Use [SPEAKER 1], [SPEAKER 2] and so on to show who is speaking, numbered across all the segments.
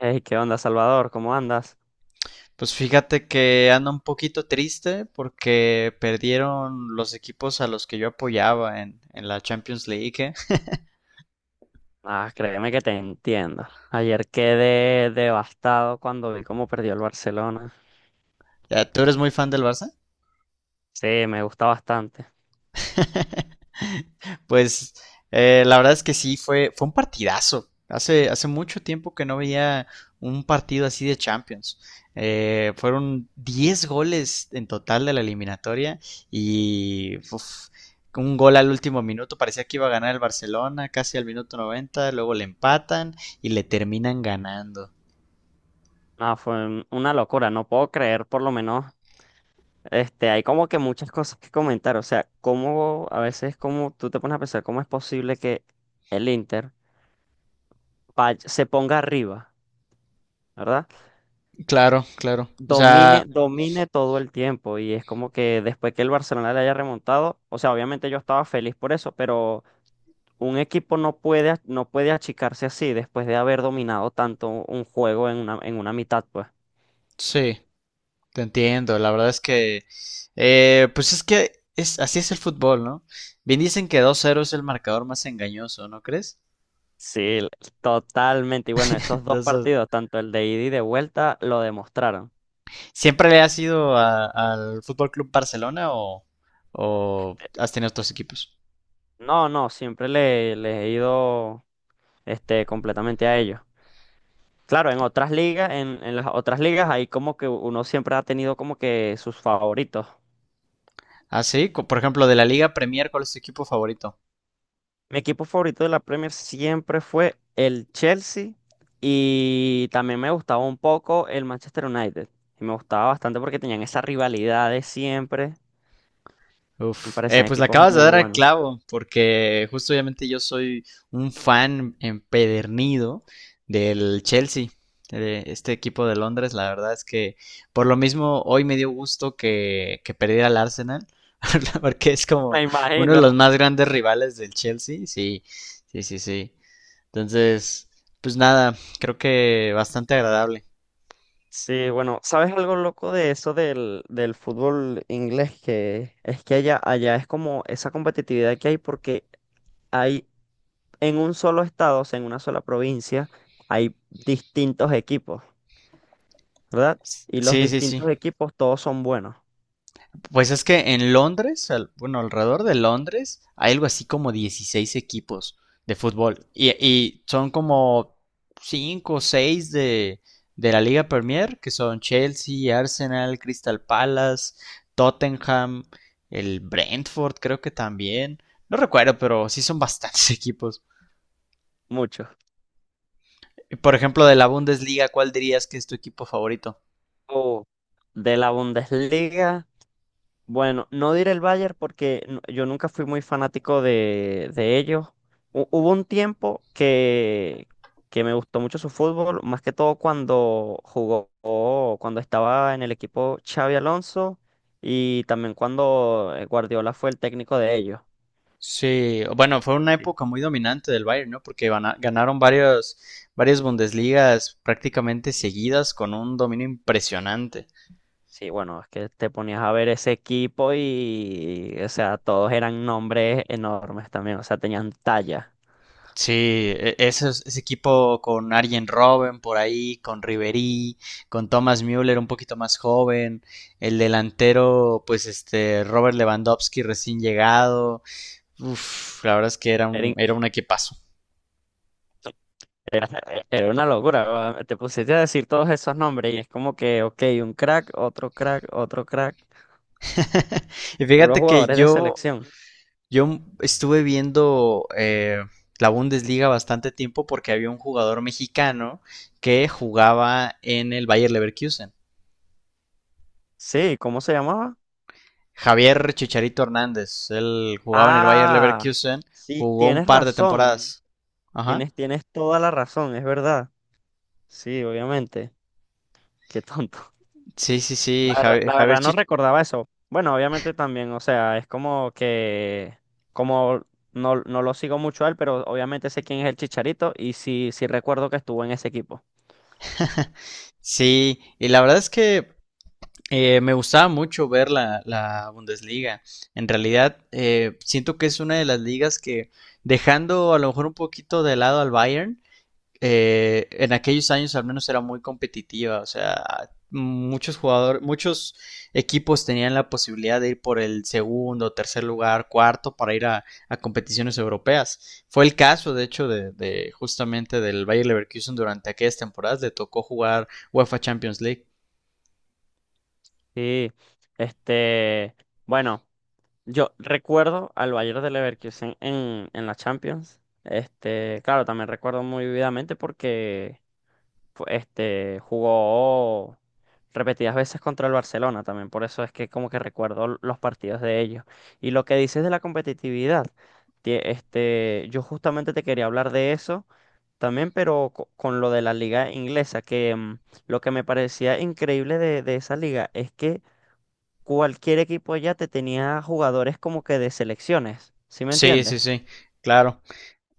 [SPEAKER 1] Hey, ¿qué onda, Salvador? ¿Cómo andas?
[SPEAKER 2] Pues fíjate que anda un poquito triste porque perdieron los equipos a los que yo apoyaba en la Champions League. ¿Eh?
[SPEAKER 1] Ah, créeme que te entiendo. Ayer quedé devastado cuando vi cómo perdió el Barcelona.
[SPEAKER 2] Ya, ¿tú eres muy fan del Barça?
[SPEAKER 1] Sí, me gusta bastante.
[SPEAKER 2] Pues la verdad es que sí, fue un partidazo. Hace mucho tiempo que no veía un partido así de Champions. Fueron 10 goles en total de la eliminatoria y uf, un gol al último minuto. Parecía que iba a ganar el Barcelona casi al minuto 90, luego le empatan y le terminan ganando.
[SPEAKER 1] No, fue una locura. No puedo creer, por lo menos, hay como que muchas cosas que comentar. O sea, cómo a veces como tú te pones a pensar cómo es posible que el Inter se ponga arriba, ¿verdad?
[SPEAKER 2] Claro, claro. O sea,
[SPEAKER 1] Domine todo el tiempo. Y es como que después que el Barcelona le haya remontado, o sea, obviamente yo estaba feliz por eso, pero un equipo no puede achicarse así después de haber dominado tanto un juego en una mitad, pues.
[SPEAKER 2] sí. Te entiendo, la verdad es que pues así es el fútbol, ¿no? Bien dicen que dos 0 es el marcador más engañoso, ¿no crees?
[SPEAKER 1] Sí, totalmente. Y bueno, esos dos
[SPEAKER 2] Entonces,
[SPEAKER 1] partidos, tanto el de ida y de vuelta, lo demostraron.
[SPEAKER 2] ¿siempre le has ido a- al Fútbol Club Barcelona o has tenido otros equipos?
[SPEAKER 1] No, no, siempre les he ido, este, completamente a ellos. Claro, en otras ligas, en las otras ligas, ahí como que uno siempre ha tenido como que sus favoritos.
[SPEAKER 2] Ah, sí, Co- por ejemplo, de la Liga Premier, ¿cuál es tu equipo favorito?
[SPEAKER 1] Mi equipo favorito de la Premier siempre fue el Chelsea, y también me gustaba un poco el Manchester United. Y me gustaba bastante porque tenían esa rivalidad de siempre. Me
[SPEAKER 2] Uf,
[SPEAKER 1] parecían
[SPEAKER 2] pues le
[SPEAKER 1] equipos
[SPEAKER 2] acabas de
[SPEAKER 1] muy
[SPEAKER 2] dar al
[SPEAKER 1] buenos.
[SPEAKER 2] clavo, porque justo obviamente yo soy un fan empedernido del Chelsea, de este equipo de Londres. La verdad es que por lo mismo hoy me dio gusto que perdiera el Arsenal, porque es como
[SPEAKER 1] Me
[SPEAKER 2] uno de
[SPEAKER 1] imagino.
[SPEAKER 2] los más grandes rivales del Chelsea. Sí, sí, sí, sí. Entonces, pues nada, creo que bastante agradable.
[SPEAKER 1] Sí, bueno, ¿sabes algo loco de eso del fútbol inglés? Que es que allá, allá es como esa competitividad que hay porque hay en un solo estado, o sea, en una sola provincia, hay distintos equipos, ¿verdad? Y los
[SPEAKER 2] Sí, sí, sí.
[SPEAKER 1] distintos equipos todos son buenos.
[SPEAKER 2] Pues es que en Londres, al- bueno, alrededor de Londres, hay algo así como 16 equipos de fútbol. Y son como 5 o 6 de la Liga Premier, que son Chelsea, Arsenal, Crystal Palace, Tottenham, el Brentford, creo que también. No recuerdo, pero sí son bastantes equipos.
[SPEAKER 1] Muchos.
[SPEAKER 2] Por ejemplo, de la Bundesliga, ¿cuál dirías que es tu equipo favorito?
[SPEAKER 1] O de la Bundesliga, bueno, no diré el Bayern porque yo nunca fui muy fanático de ellos. Hubo un tiempo que me gustó mucho su fútbol, más que todo cuando jugó, cuando estaba en el equipo Xavi Alonso y también cuando Guardiola fue el técnico de ellos.
[SPEAKER 2] Sí, bueno, fue una
[SPEAKER 1] Sí.
[SPEAKER 2] época muy dominante del Bayern, ¿no? Porque van a- ganaron varios, varias Bundesligas prácticamente seguidas con un dominio impresionante.
[SPEAKER 1] Sí, bueno, es que te ponías a ver ese equipo y, o sea, todos eran nombres enormes también, o sea, tenían talla.
[SPEAKER 2] Sí, e- ese, es- ese equipo con Arjen Robben por ahí, con Ribery, con Thomas Müller un poquito más joven, el delantero, pues este, Robert Lewandowski recién llegado. Uf, la verdad es que
[SPEAKER 1] Era in-
[SPEAKER 2] era un equipazo.
[SPEAKER 1] Era Era una locura, te pusiste a decir todos esos nombres y es como que, ok, un crack, otro crack, otro crack,
[SPEAKER 2] Y
[SPEAKER 1] puros
[SPEAKER 2] fíjate que
[SPEAKER 1] jugadores de
[SPEAKER 2] yo
[SPEAKER 1] selección.
[SPEAKER 2] yo estuve viendo la Bundesliga bastante tiempo porque había un jugador mexicano que jugaba en el Bayer Leverkusen.
[SPEAKER 1] Sí, ¿cómo se llamaba?
[SPEAKER 2] Javier Chicharito Hernández. Él jugaba en el Bayer
[SPEAKER 1] Ah,
[SPEAKER 2] Leverkusen.
[SPEAKER 1] sí,
[SPEAKER 2] Jugó un
[SPEAKER 1] tienes
[SPEAKER 2] par de
[SPEAKER 1] razón,
[SPEAKER 2] temporadas. Ajá.
[SPEAKER 1] tienes toda la razón, es verdad. Sí, obviamente, qué tonto.
[SPEAKER 2] Sí, sí, sí. Javi-
[SPEAKER 1] La
[SPEAKER 2] Javier,
[SPEAKER 1] verdad no
[SPEAKER 2] Chich-
[SPEAKER 1] recordaba eso. Bueno, obviamente también, o sea, es como que, como no, no lo sigo mucho a él, pero obviamente sé quién es el Chicharito y sí, sí recuerdo que estuvo en ese equipo.
[SPEAKER 2] Sí. Y la verdad es que me gustaba mucho ver la Bundesliga. En realidad, siento que es una de las ligas que, dejando a lo mejor un poquito de lado al Bayern, en aquellos años al menos era muy competitiva, o sea, muchos jugadores, muchos equipos tenían la posibilidad de ir por el segundo, tercer lugar, cuarto para ir a competiciones europeas. Fue el caso, de hecho, de justamente del Bayer Leverkusen durante aquellas temporadas, le tocó jugar UEFA Champions League.
[SPEAKER 1] Sí, este, bueno, yo recuerdo al Bayern de Leverkusen en la Champions. Este, claro, también recuerdo muy vividamente porque jugó repetidas veces contra el Barcelona también. Por eso es que como que recuerdo los partidos de ellos. Y lo que dices de la competitividad, yo justamente te quería hablar de eso también, pero con lo de la liga inglesa, que lo que me parecía increíble de esa liga es que cualquier equipo ya te tenía jugadores como que de selecciones, ¿sí me
[SPEAKER 2] Sí,
[SPEAKER 1] entiendes?
[SPEAKER 2] sí, sí, claro.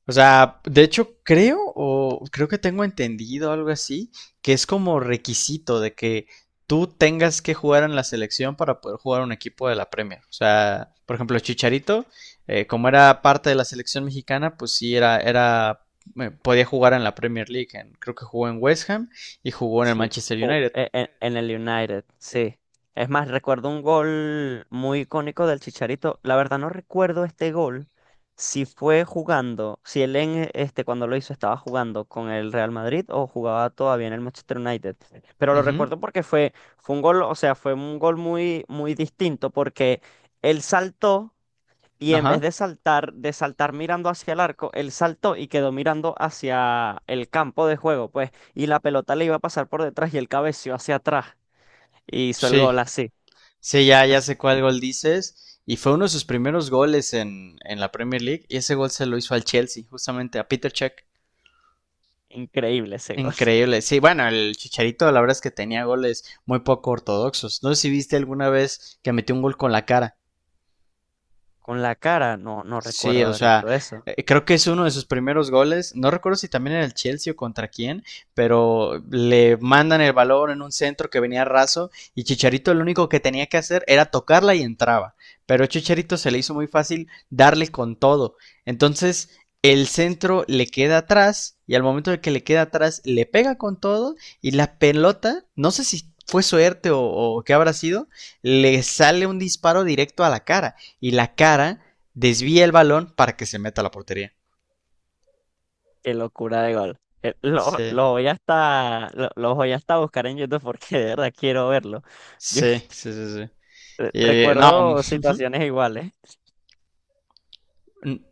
[SPEAKER 2] O sea, de hecho creo que tengo entendido algo así, que es como requisito de que tú tengas que jugar en la selección para poder jugar un equipo de la Premier. O sea, por ejemplo, Chicharito, como era parte de la selección mexicana, pues sí era era podía jugar en la Premier League. En- creo que jugó en West Ham y jugó en el
[SPEAKER 1] Sí,
[SPEAKER 2] Manchester United.
[SPEAKER 1] el United, sí. Es más, recuerdo un gol muy icónico del Chicharito. La verdad no recuerdo este gol, si fue jugando, si él en e, este cuando lo hizo estaba jugando con el Real Madrid o jugaba todavía en el Manchester United. Pero lo
[SPEAKER 2] Ujú.
[SPEAKER 1] recuerdo porque fue, fue un gol, o sea, fue un gol muy, muy distinto porque él saltó. Y en vez
[SPEAKER 2] Ajá.
[SPEAKER 1] de saltar mirando hacia el arco, él saltó y quedó mirando hacia el campo de juego, pues, y la pelota le iba a pasar por detrás y él cabeció hacia atrás y hizo el
[SPEAKER 2] Sí.
[SPEAKER 1] gol así.
[SPEAKER 2] Sí, ya, ya sé cuál gol dices. Y fue uno de sus primeros goles en la Premier League. Y ese gol se lo hizo al Chelsea, justamente a Peter Cech.
[SPEAKER 1] Increíble ese gol.
[SPEAKER 2] Increíble. Sí, bueno, el Chicharito, la verdad es que tenía goles muy poco ortodoxos. No sé si viste alguna vez que metió un gol con la cara.
[SPEAKER 1] Con la cara, no, no
[SPEAKER 2] Sí,
[SPEAKER 1] recuerdo
[SPEAKER 2] o
[SPEAKER 1] haber
[SPEAKER 2] sea,
[SPEAKER 1] visto eso.
[SPEAKER 2] creo que es uno de sus primeros goles. No recuerdo si también era el Chelsea o contra quién, pero le mandan el balón en un centro que venía raso y Chicharito lo único que tenía que hacer era tocarla y entraba. Pero a Chicharito se le hizo muy fácil darle con todo. Entonces, el centro le queda atrás y al momento de que le queda atrás le pega con todo y la pelota, no sé si fue suerte o qué habrá sido, le sale un disparo directo a la cara y la cara desvía el balón para que se meta a la portería.
[SPEAKER 1] Qué locura de gol.
[SPEAKER 2] Sí,
[SPEAKER 1] Lo voy hasta a buscar en YouTube porque de verdad quiero verlo. Yo
[SPEAKER 2] sí, sí, sí. Sí. No,
[SPEAKER 1] recuerdo situaciones iguales.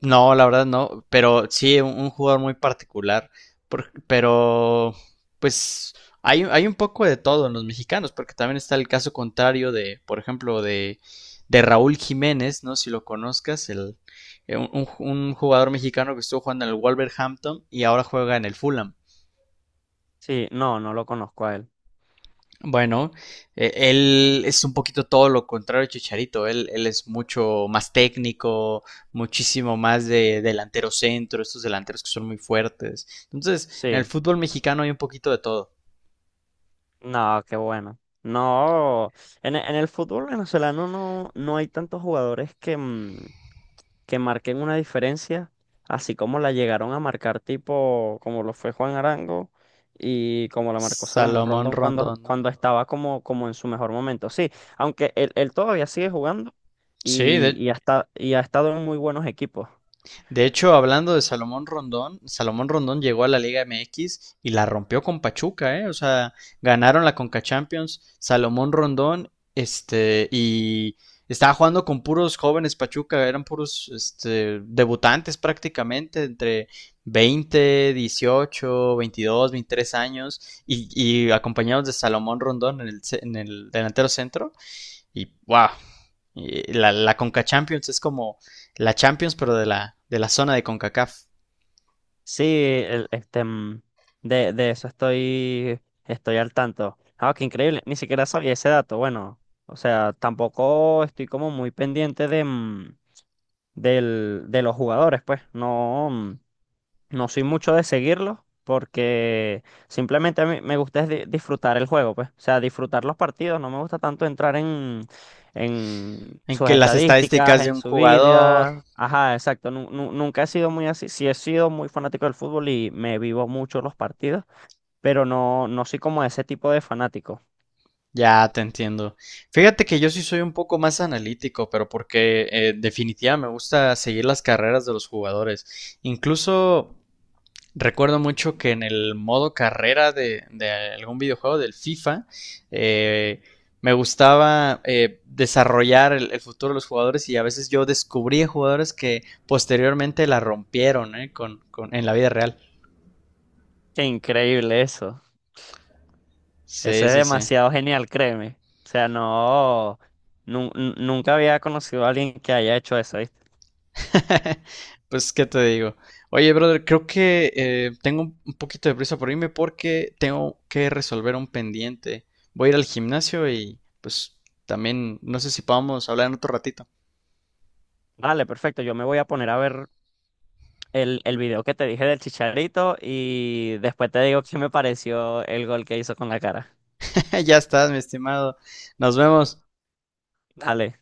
[SPEAKER 2] no, la verdad no, pero sí, un jugador muy particular, por- pero pues hay un poco de todo en los mexicanos, porque también está el caso contrario de, por ejemplo, de Raúl Jiménez, ¿no? Si lo conozcas, el, un jugador mexicano que estuvo jugando en el Wolverhampton y ahora juega en el Fulham.
[SPEAKER 1] Sí, no, no lo conozco a él.
[SPEAKER 2] Bueno, él es un poquito todo lo contrario a Chicharito. Él es mucho más técnico, muchísimo más de delantero centro, estos delanteros que son muy fuertes. Entonces, en el
[SPEAKER 1] Sí.
[SPEAKER 2] fútbol mexicano hay un poquito de todo.
[SPEAKER 1] No, qué bueno. No, en, en el fútbol venezolano no, no hay tantos jugadores que, que marquen una diferencia, así como la llegaron a marcar tipo como lo fue Juan Arango y como la marcó Salomón
[SPEAKER 2] Salomón
[SPEAKER 1] Rondón cuando,
[SPEAKER 2] Rondón, ¿no?
[SPEAKER 1] cuando estaba como, como en su mejor momento. Sí, aunque él todavía sigue jugando
[SPEAKER 2] Sí,
[SPEAKER 1] y, y ha estado en muy buenos equipos.
[SPEAKER 2] de hecho, hablando de Salomón Rondón, Salomón Rondón llegó a la Liga MX y la rompió con Pachuca, ¿eh? O sea, ganaron la Conca Champions, Salomón Rondón, este, y estaba jugando con puros jóvenes Pachuca, eran puros, este, debutantes prácticamente, entre 20, 18, 22, 23 años, y acompañados de Salomón Rondón en en el delantero centro. Y wow, la, la Conca Champions es como la Champions, pero de la zona de CONCACAF.
[SPEAKER 1] Sí, de eso estoy, estoy al tanto. Ah, qué increíble, ni siquiera sabía ese dato. Bueno, o sea, tampoco estoy como muy pendiente de, del, de los jugadores, pues. No, no soy mucho de seguirlos porque simplemente a mí me gusta es disfrutar el juego, pues. O sea, disfrutar los partidos. No me gusta tanto entrar en
[SPEAKER 2] En
[SPEAKER 1] sus
[SPEAKER 2] que las
[SPEAKER 1] estadísticas,
[SPEAKER 2] estadísticas de
[SPEAKER 1] en
[SPEAKER 2] un
[SPEAKER 1] su
[SPEAKER 2] jugador.
[SPEAKER 1] vida. Ajá, exacto. Nunca he sido muy así. Sí he sido muy fanático del fútbol y me vivo mucho los partidos, pero no, no soy como ese tipo de fanático.
[SPEAKER 2] Ya te entiendo. Fíjate que yo sí soy un poco más analítico, pero porque definitivamente me gusta seguir las carreras de los jugadores. Incluso recuerdo mucho que en el modo carrera de algún videojuego del FIFA, eh, me gustaba desarrollar futuro de los jugadores y a veces yo descubría jugadores que posteriormente la rompieron, ¿eh?, en la vida real.
[SPEAKER 1] Qué increíble eso. Eso
[SPEAKER 2] Sí,
[SPEAKER 1] es
[SPEAKER 2] sí, sí.
[SPEAKER 1] demasiado genial, créeme. O sea, no, nunca había conocido a alguien que haya hecho eso, ¿viste?
[SPEAKER 2] Pues, ¿qué te digo? Oye, brother, creo que tengo un poquito de prisa por irme porque tengo que resolver un pendiente. Voy a ir al gimnasio y pues también no sé si podamos hablar en otro ratito.
[SPEAKER 1] Vale, perfecto. Yo me voy a poner a ver el video que te dije del Chicharito y después te digo qué me pareció el gol que hizo con la cara.
[SPEAKER 2] Ya estás, mi estimado. Nos vemos.
[SPEAKER 1] Dale.